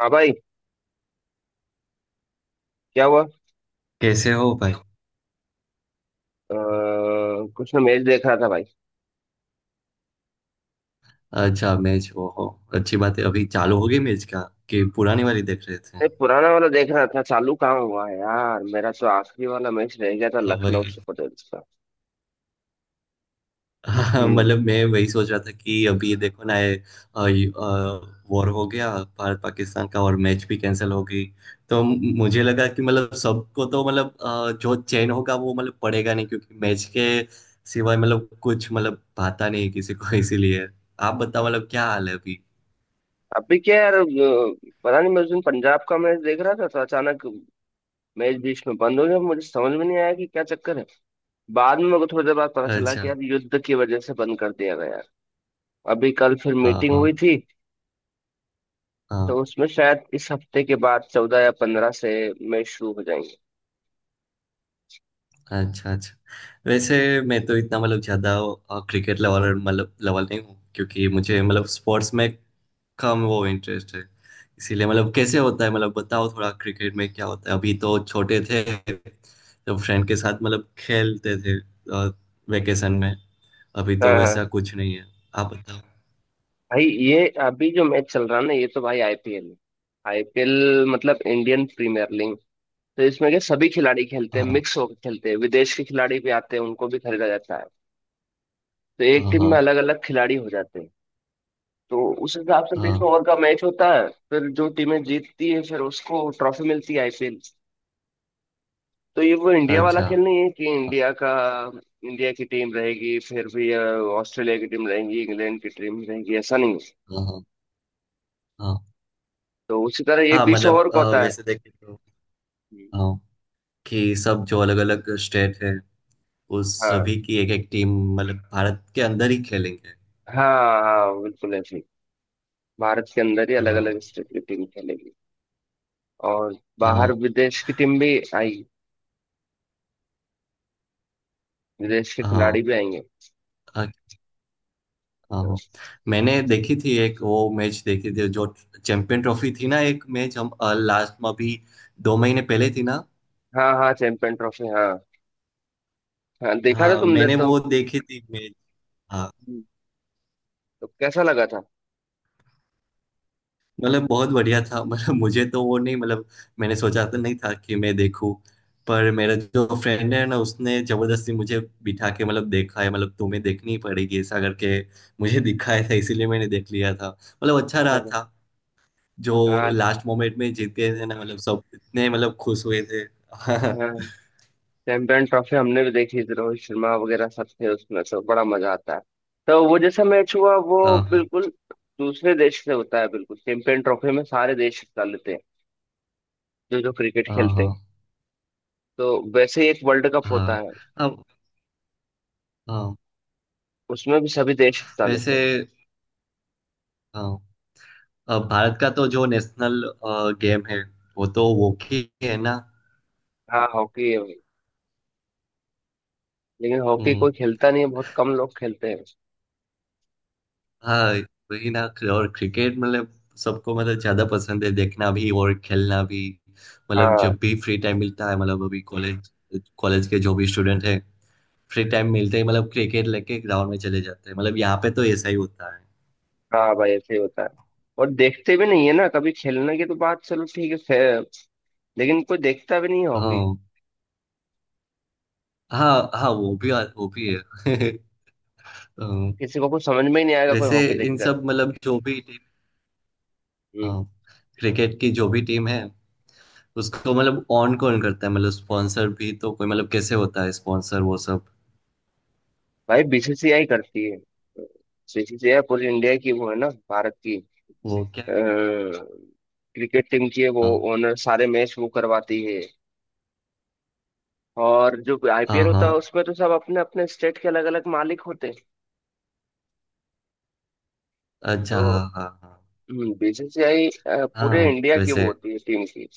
हाँ भाई। क्या हुआ? कैसे हो भाई। कुछ ना, मैच देख रहा था भाई। अच्छा मैच वो हो? अच्छी बात है। अभी चालू हो गई मैच का कि पुरानी वाली देख रहे थे? नहीं, पुराना वाला देख रहा था। चालू कहाँ हुआ है यार, मेरा तो आखिरी वाला मैच रह गया था हाँ, लखनऊ वही। सुपर जयंट्स का। हाँ, हम्म। मतलब मैं वही सोच रहा था कि अभी ये देखो ना, ये ये, वॉर हो गया, भारत पाकिस्तान का, और मैच भी कैंसिल हो गई। तो मुझे लगा कि मतलब सबको तो मतलब, जो चैन होगा वो मतलब पड़ेगा नहीं, क्योंकि मैच के सिवाय मतलब कुछ मतलब भाता नहीं है किसी को। इसीलिए आप बताओ मतलब क्या हाल है अभी। अभी क्या यार पता नहीं, मैं उस दिन पंजाब का मैच देख रहा था तो अचानक मैच बीच में बंद हो गया, मुझे समझ में नहीं आया कि क्या चक्कर है। बाद में मेरे को थोड़ी देर बाद पता चला अच्छा। कि यार युद्ध की वजह से बंद कर दिया गया। अभी कल फिर हाँ मीटिंग हाँ हुई थी तो हाँ। उसमें शायद इस हफ्ते के बाद 14 या 15 से मैच शुरू हो जाएंगे। अच्छा अच्छा। वैसे मैं तो इतना मतलब ज्यादा क्रिकेट लेवल मतलब लेवल नहीं हूँ, क्योंकि मुझे मतलब स्पोर्ट्स में कम वो इंटरेस्ट है। इसीलिए मतलब कैसे होता है, मतलब बताओ थोड़ा क्रिकेट में क्या होता है। अभी तो छोटे थे तो फ्रेंड के साथ मतलब खेलते थे, वेकेशन में। अभी तो हाँ वैसा हाँ, कुछ नहीं है। आप बताओ। भाई ये अभी जो मैच चल रहा है ना ये तो भाई आईपीएल है। आईपीएल मतलब इंडियन प्रीमियर लीग। तो इसमें के सभी खिलाड़ी खेलते हैं, हाँ मिक्स होकर खेलते हैं, विदेश के खिलाड़ी भी आते हैं, उनको भी खरीदा जाता है। तो एक हाँ टीम में हाँ। अलग अलग खिलाड़ी हो जाते हैं। तो उस हिसाब से बीस हाँ, ओवर का मैच होता है, फिर जो टीमें जीतती है फिर उसको ट्रॉफी मिलती है, आईपीएल। तो ये वो इंडिया वाला अच्छा। खेल हाँ नहीं है कि इंडिया का इंडिया की टीम रहेगी, फिर भी ऑस्ट्रेलिया की टीम रहेगी, इंग्लैंड की टीम रहेगी, ऐसा नहीं है। हाँ हाँ। तो उसी तरह ये हाँ 20 ओवर मतलब का होता है। वैसे देखें तो, हाँ, कि सब जो अलग अलग स्टेट है उस हाँ सभी की एक एक टीम मतलब भारत के अंदर ही खेलेंगे। हाँ हाँ, बिल्कुल ऐसे ही। भारत के अंदर ही अलग हाँ अलग स्टेट की टीम खेलेगी और बाहर हाँ विदेश की टीम भी आएगी, विदेश के हाँ खिलाड़ी भी आएंगे। हाँ हाँ। मैंने देखी थी, एक वो मैच देखी थी जो, चैंपियन ट्रॉफी थी ना, एक मैच हम लास्ट में, अभी 2 महीने पहले थी ना। हाँ हाँ चैंपियन ट्रॉफी, हाँ। हाँ देखा था हाँ तुमने मैंने तो। वो देखी थी मैच। हाँ। तो कैसा लगा था? मतलब बहुत बढ़िया था, मतलब मुझे तो वो नहीं मतलब मैंने सोचा तो नहीं था कि मैं देखूं, पर मेरा जो फ्रेंड है ना उसने जबरदस्ती मुझे बिठा के मतलब देखा है, मतलब तुम्हें देखनी पड़ेगी ऐसा करके मुझे दिखाया था, इसीलिए मैंने देख लिया था, मतलब अच्छा अच्छा रहा अच्छा। था। जो हाँ लास्ट मोमेंट में जीत गए थे ना, मतलब सब इतने मतलब खुश हुए थे। हाँ चैंपियन ट्रॉफी हमने भी देखी थी, रोहित शर्मा वगैरह सब थे, उसमें तो बड़ा मजा आता है। तो वो जैसा मैच हुआ वो हाँ हाँ बिल्कुल दूसरे देश से होता है, बिल्कुल चैंपियन ट्रॉफी में सारे देश हिस्सा लेते हैं जो जो क्रिकेट खेलते हाँ हैं। तो वैसे ही एक वर्ल्ड कप हाँ। होता है, अब, हाँ, उसमें भी सभी देश हिस्सा लेते वैसे, हैं। हाँ, अब भारत का तो जो नेशनल गेम है वो तो हॉकी है ना। हाँ हॉकी है भाई, लेकिन हॉकी हम्म। कोई खेलता नहीं है, बहुत कम लोग खेलते हैं। हाँ वही ना। और क्रिकेट मतलब सबको मतलब ज्यादा पसंद है, देखना भी और खेलना भी। मतलब हाँ जब भी फ्री टाइम मिलता है, मतलब अभी कॉलेज कॉलेज के जो भी स्टूडेंट हैं फ्री टाइम मिलते ही मतलब क्रिकेट लेके ग्राउंड में चले जाते हैं, मतलब यहाँ पे तो ऐसा ही होता है। हाँ भाई ऐसे ही होता है। और देखते भी नहीं है ना, कभी खेलने की तो बात चलो ठीक है। लेकिन कोई देखता भी नहीं है हॉकी। हाँ हाँ हाँ। वो भी, वो भी है। हाँ। किसी को कुछ समझ में ही नहीं आएगा कोई वैसे हॉकी इन देखेगा तो। सब मतलब जो भी टीम, हम्म। हाँ, क्रिकेट की जो भी टीम है उसको मतलब ऑन कौन करता है, मतलब स्पॉन्सर भी तो कोई, मतलब कैसे होता है स्पॉन्सर वो सब। भाई बीसीसीआई करती है। बीसीसीआई पूरी इंडिया की वो है ना, भारत की वो क्या? क्रिकेट टीम की है वो। हाँ। ओनर सारे मैच वो करवाती है। और जो आईपीएल हाँ होता है हाँ। उसमें तो सब अपने अपने स्टेट के अलग अलग मालिक होते हैं। अच्छा हाँ तो हाँ हाँ। बीसीसीआई पूरे हाँ इंडिया की वो वैसे। होती है टीम की।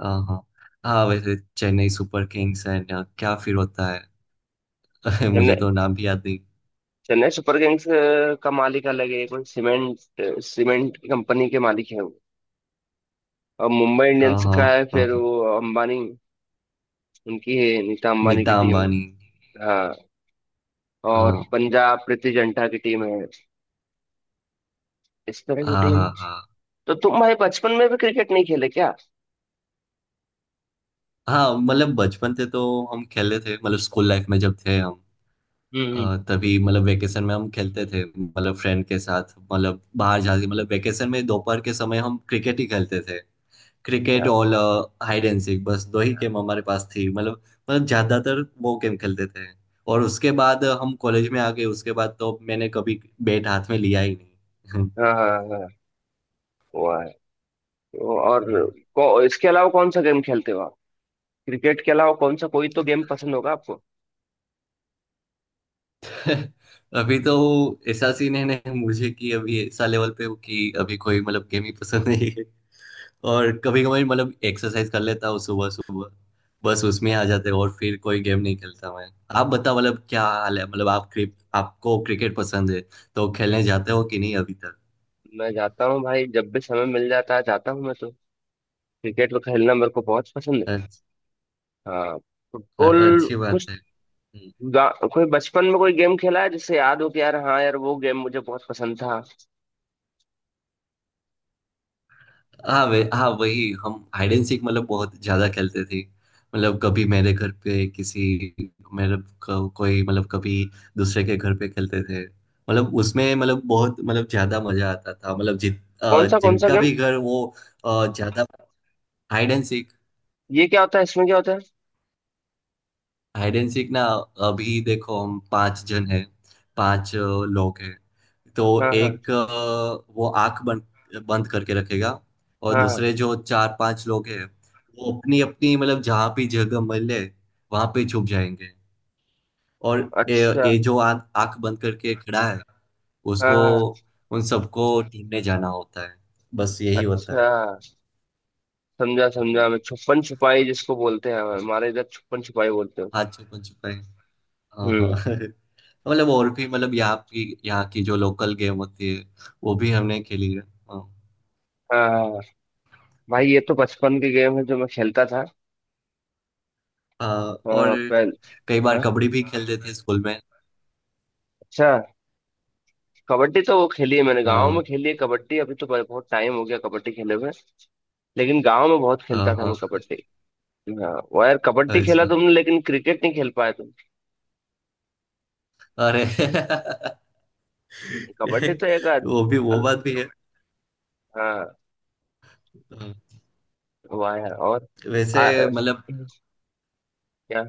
हाँ हाँ हाँ। वैसे चेन्नई सुपर किंग्स एंड क्या फिर होता है? मुझे चेन्नई तो नाम भी याद नहीं। चेन्नई सुपर किंग्स का मालिक अलग है, कोई सीमेंट सीमेंट की कंपनी के मालिक है वो। और मुंबई हाँ इंडियंस हाँ का है हाँ फिर हाँ। वो अंबानी, उनकी है, नीता अंबानी की नीता टीम है। अंबानी। हाँ। और हाँ पंजाब प्रीति जिंटा की टीम है। इस तरह की हाँ टीम हाँ है। हाँ। तो तुम भाई बचपन में भी क्रिकेट नहीं खेले क्या? हाँ मतलब बचपन से तो हम खेले थे, मतलब स्कूल लाइफ में जब थे हम, हम्म। तभी मतलब वेकेशन में हम खेलते थे, मतलब फ्रेंड के साथ मतलब बाहर जाके मतलब वेकेशन में दोपहर के समय हम क्रिकेट ही खेलते थे। क्रिकेट क्या? और हाइड एंड सीक, बस दो ही गेम हमारे पास थी। मतलब, मतलब ज्यादातर वो गेम खेलते थे। और उसके बाद हम कॉलेज में आ गए। उसके बाद तो मैंने कभी बैट हाथ में लिया ही नहीं। हाँ हाँ हाँ वो है। तो और हम्म। इसके अलावा कौन सा गेम खेलते हो आप? क्रिकेट के अलावा कौन सा, कोई तो गेम पसंद होगा आपको? अभी तो ऐसा सीन है ना मुझे, कि अभी ऐसा लेवल पे हूँ कि अभी कोई मतलब गेम ही पसंद नहीं है। और कभी कभी मतलब एक्सरसाइज कर लेता हूँ सुबह सुबह, बस उसमें आ जाते हैं और फिर कोई गेम नहीं खेलता मैं। आप बताओ मतलब क्या हाल है, मतलब आप क्रिक आपको क्रिकेट पसंद है तो खेलने जाते हो कि नहीं अभी? मैं जाता हूँ भाई, जब भी समय मिल जाता है जाता हूँ मैं तो। क्रिकेट में खेलना मेरे को बहुत पसंद है। अच्छा। हाँ फुटबॉल अच्छी कुछ बात है। हम्म। कोई बचपन में कोई गेम खेला है जिससे याद हो कि यार हाँ यार वो गेम मुझे बहुत पसंद था? हाँ, वे हाँ वही, हम हाइड एंड सीक मतलब बहुत ज्यादा खेलते थे। मतलब कभी मेरे घर पे किसी, मेरे को, कोई मतलब कभी दूसरे के घर पे खेलते थे, मतलब उसमें मतलब बहुत मतलब ज्यादा मजा आता था, मतलब कौन सा जिनका गेम? भी घर वो, ज्यादा, हाइड एंड ये क्या होता है, इसमें क्या होता है? हाइड एंड सीक ना? अभी देखो हम पांच जन हैं, पांच लोग हैं। तो हाँ हाँ एक, वो आंख बंद बंद करके रखेगा, और हाँ हाँ, दूसरे जो चार पांच लोग हैं वो अपनी अपनी मतलब जहाँ भी जगह मिले वहां पे छुप जाएंगे। और ये अच्छा ये जो आंख बंद करके खड़ा है हाँ उसको, हाँ। उन सबको ढूंढने जाना होता है। बस यही होता अच्छा है। समझा हम्म। समझा, मैं छुपन छुपाई जिसको बोलते हैं, हमारे इधर छुपन छुपाई बोलते हैं। हाँ, छुपन छुपाई। हाँ हाँ। हम्म। मतलब और भी, मतलब यहाँ की जो लोकल गेम होती है, वो भी हमने खेली है। हाँ। हाँ हाँ, भाई ये तो बचपन के गेम है जो मैं खेलता था। हाँ, और हाँ पहले। कई बार हाँ कबड्डी भी, हाँ, खेलते थे भाई स्कूल में। अच्छा। कबड्डी तो वो खेली है मैंने, गांव में हाँ खेली है कबड्डी। अभी तो बहुत टाइम हो गया कबड्डी खेले हुए। लेकिन गांव में बहुत हाँ खेलता था मैं हाँ। कबड्डी। हाँ वो यार कबड्डी खेला अच्छा। तुमने लेकिन क्रिकेट नहीं खेल पाए तुम। अरे। कबड्डी तो एक वो भी, वो अल- बात भी है। हाँ हाँ। हुआ है और वैसे आ, मतलब, क्या?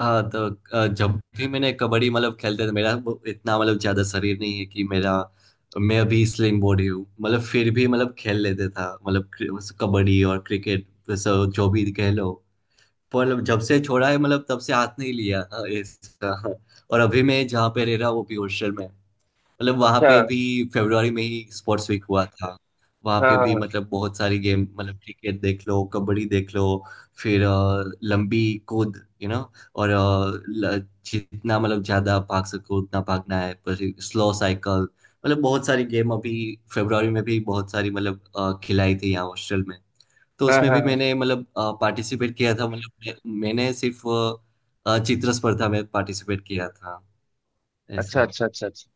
हाँ तो जब भी मैंने कबड्डी मतलब खेलते थे, मेरा वो इतना मतलब ज्यादा शरीर नहीं है कि मेरा, मैं अभी स्लिम बॉडी हूँ, मतलब फिर भी मतलब खेल लेते था मतलब कबड्डी और क्रिकेट, वैसे जो भी कह लो। पर जब से छोड़ा है मतलब तब से हाथ नहीं लिया। हाँ, ऐसा। और अभी मैं जहाँ पे रह रहा हूँ वो भी हॉस्टल में, मतलब वहाँ पे अच्छा अभी फरवरी में ही स्पोर्ट्स वीक हुआ था। वहाँ हाँ पे भी हाँ मतलब बहुत सारी गेम, मतलब क्रिकेट देख लो, कबड्डी देख लो, फिर लंबी कूद, और जितना मतलब ज्यादा भाग सको उतना भागना है, पर स्लो साइकिल। मतलब बहुत सारी गेम अभी फरवरी में भी बहुत सारी मतलब खिलाई थी यहाँ हॉस्टल में। तो हाँ उसमें हाँ भी हाँ। मैंने मतलब पार्टिसिपेट किया था, मतलब मैंने सिर्फ चित्र स्पर्धा में पार्टिसिपेट किया था अच्छा ऐसा। अच्छा अच्छा अच्छा।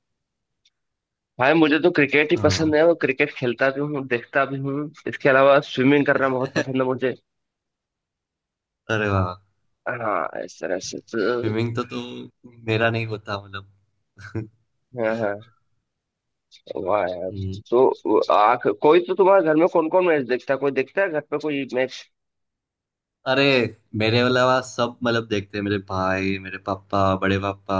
भाई मुझे तो क्रिकेट ही पसंद हाँ। है, और क्रिकेट खेलता भी हूँ देखता भी हूँ। इसके अलावा स्विमिंग करना बहुत पसंद है मुझे। अरे वाह! हाँ इस तरह से तो। स्विमिंग तो मेरा नहीं होता मतलब। हाँ हाँ। वाह यार। हम्म। तो वो आख कोई तो तुम्हारे घर में कौन कौन मैच देखता है, कोई देखता है घर पे कोई मैच? अरे, मेरे अलावा सब मतलब देखते हैं, मेरे भाई, मेरे पापा, बड़े पापा,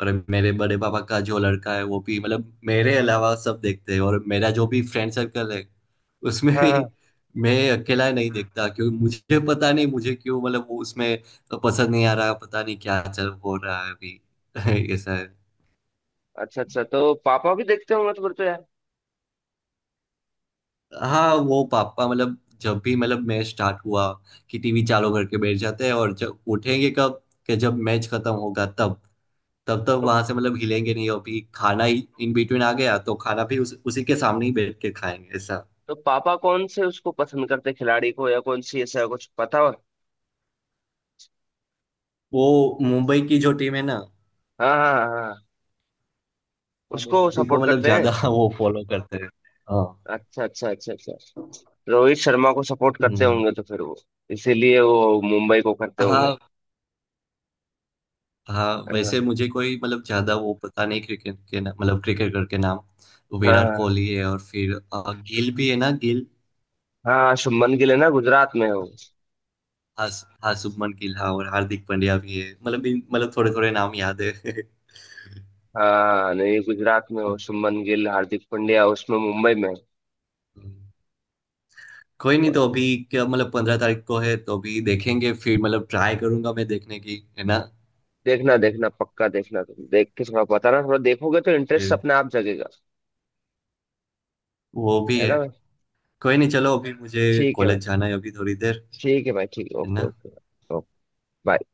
और मेरे बड़े पापा का जो लड़का है वो भी, मतलब मेरे अलावा सब देखते हैं। और मेरा जो भी फ्रेंड सर्कल है उसमें हाँ भी हाँ। मैं अकेला नहीं देखता, क्योंकि मुझे पता नहीं मुझे क्यों मतलब वो उसमें पसंद नहीं आ रहा, पता नहीं क्या चल हो रहा है अभी। ऐसा है। अच्छा अच्छा तो पापा भी देखते होंगे तो फिर तो यार। हाँ, वो पापा मतलब जब भी मतलब मैच स्टार्ट हुआ कि टीवी चालू करके बैठ जाते हैं, और जब उठेंगे कब? कि जब मैच खत्म होगा तब। तब तक तो, वहां से मतलब हिलेंगे नहीं, अभी खाना ही इन बिटवीन आ गया तो खाना भी उसी के सामने ही बैठ के खाएंगे, ऐसा। तो पापा कौन से उसको पसंद करते हैं, खिलाड़ी को, या कौन सी, ऐसा कुछ पता हो? वो मुंबई की जो टीम है ना। हाँ हाँ हाँ हाँ। हाँ, उसको बस उसी को सपोर्ट मतलब करते हैं। ज्यादा वो फॉलो करते हैं। हाँ। अच्छा अच्छा अच्छा अच्छा। रोहित शर्मा को सपोर्ट करते हम्म। होंगे तो फिर वो इसीलिए वो मुंबई को करते होंगे। हाँ हाँ। वैसे हाँ मुझे कोई मतलब ज्यादा वो पता नहीं क्रिकेट के, ना मतलब क्रिकेटर के नाम। विराट हाँ कोहली है, और फिर गिल भी है ना, गिल। हाँ हाँ, शुभमन गिल है ना, गुजरात में हो। हाँ, हाँ शुभमन गिल। हाँ, और हार्दिक पांड्या भी है, मतलब मतलब थोड़े थोड़े नाम याद है। हाँ नहीं, गुजरात में हो शुभमन गिल हार्दिक पांड्या, उसमें मुंबई में हम्म। कोई नहीं तो है। अभी। क्या मतलब 15 तारीख को है तो अभी देखेंगे, फिर मतलब ट्राई करूंगा मैं देखने की, है ना? देखना देखना पक्का देखना, तुम देख के थोड़ा बताना, थोड़ा देखोगे तो इंटरेस्ट फिर अपने आप जगेगा। वो भी है है। ना भाई? कोई नहीं चलो, अभी मुझे ठीक है भाई, कॉलेज जाना है, अभी थोड़ी देर, ठीक है भाई, ठीक है, है ओके ना? ओके। Okay, bye.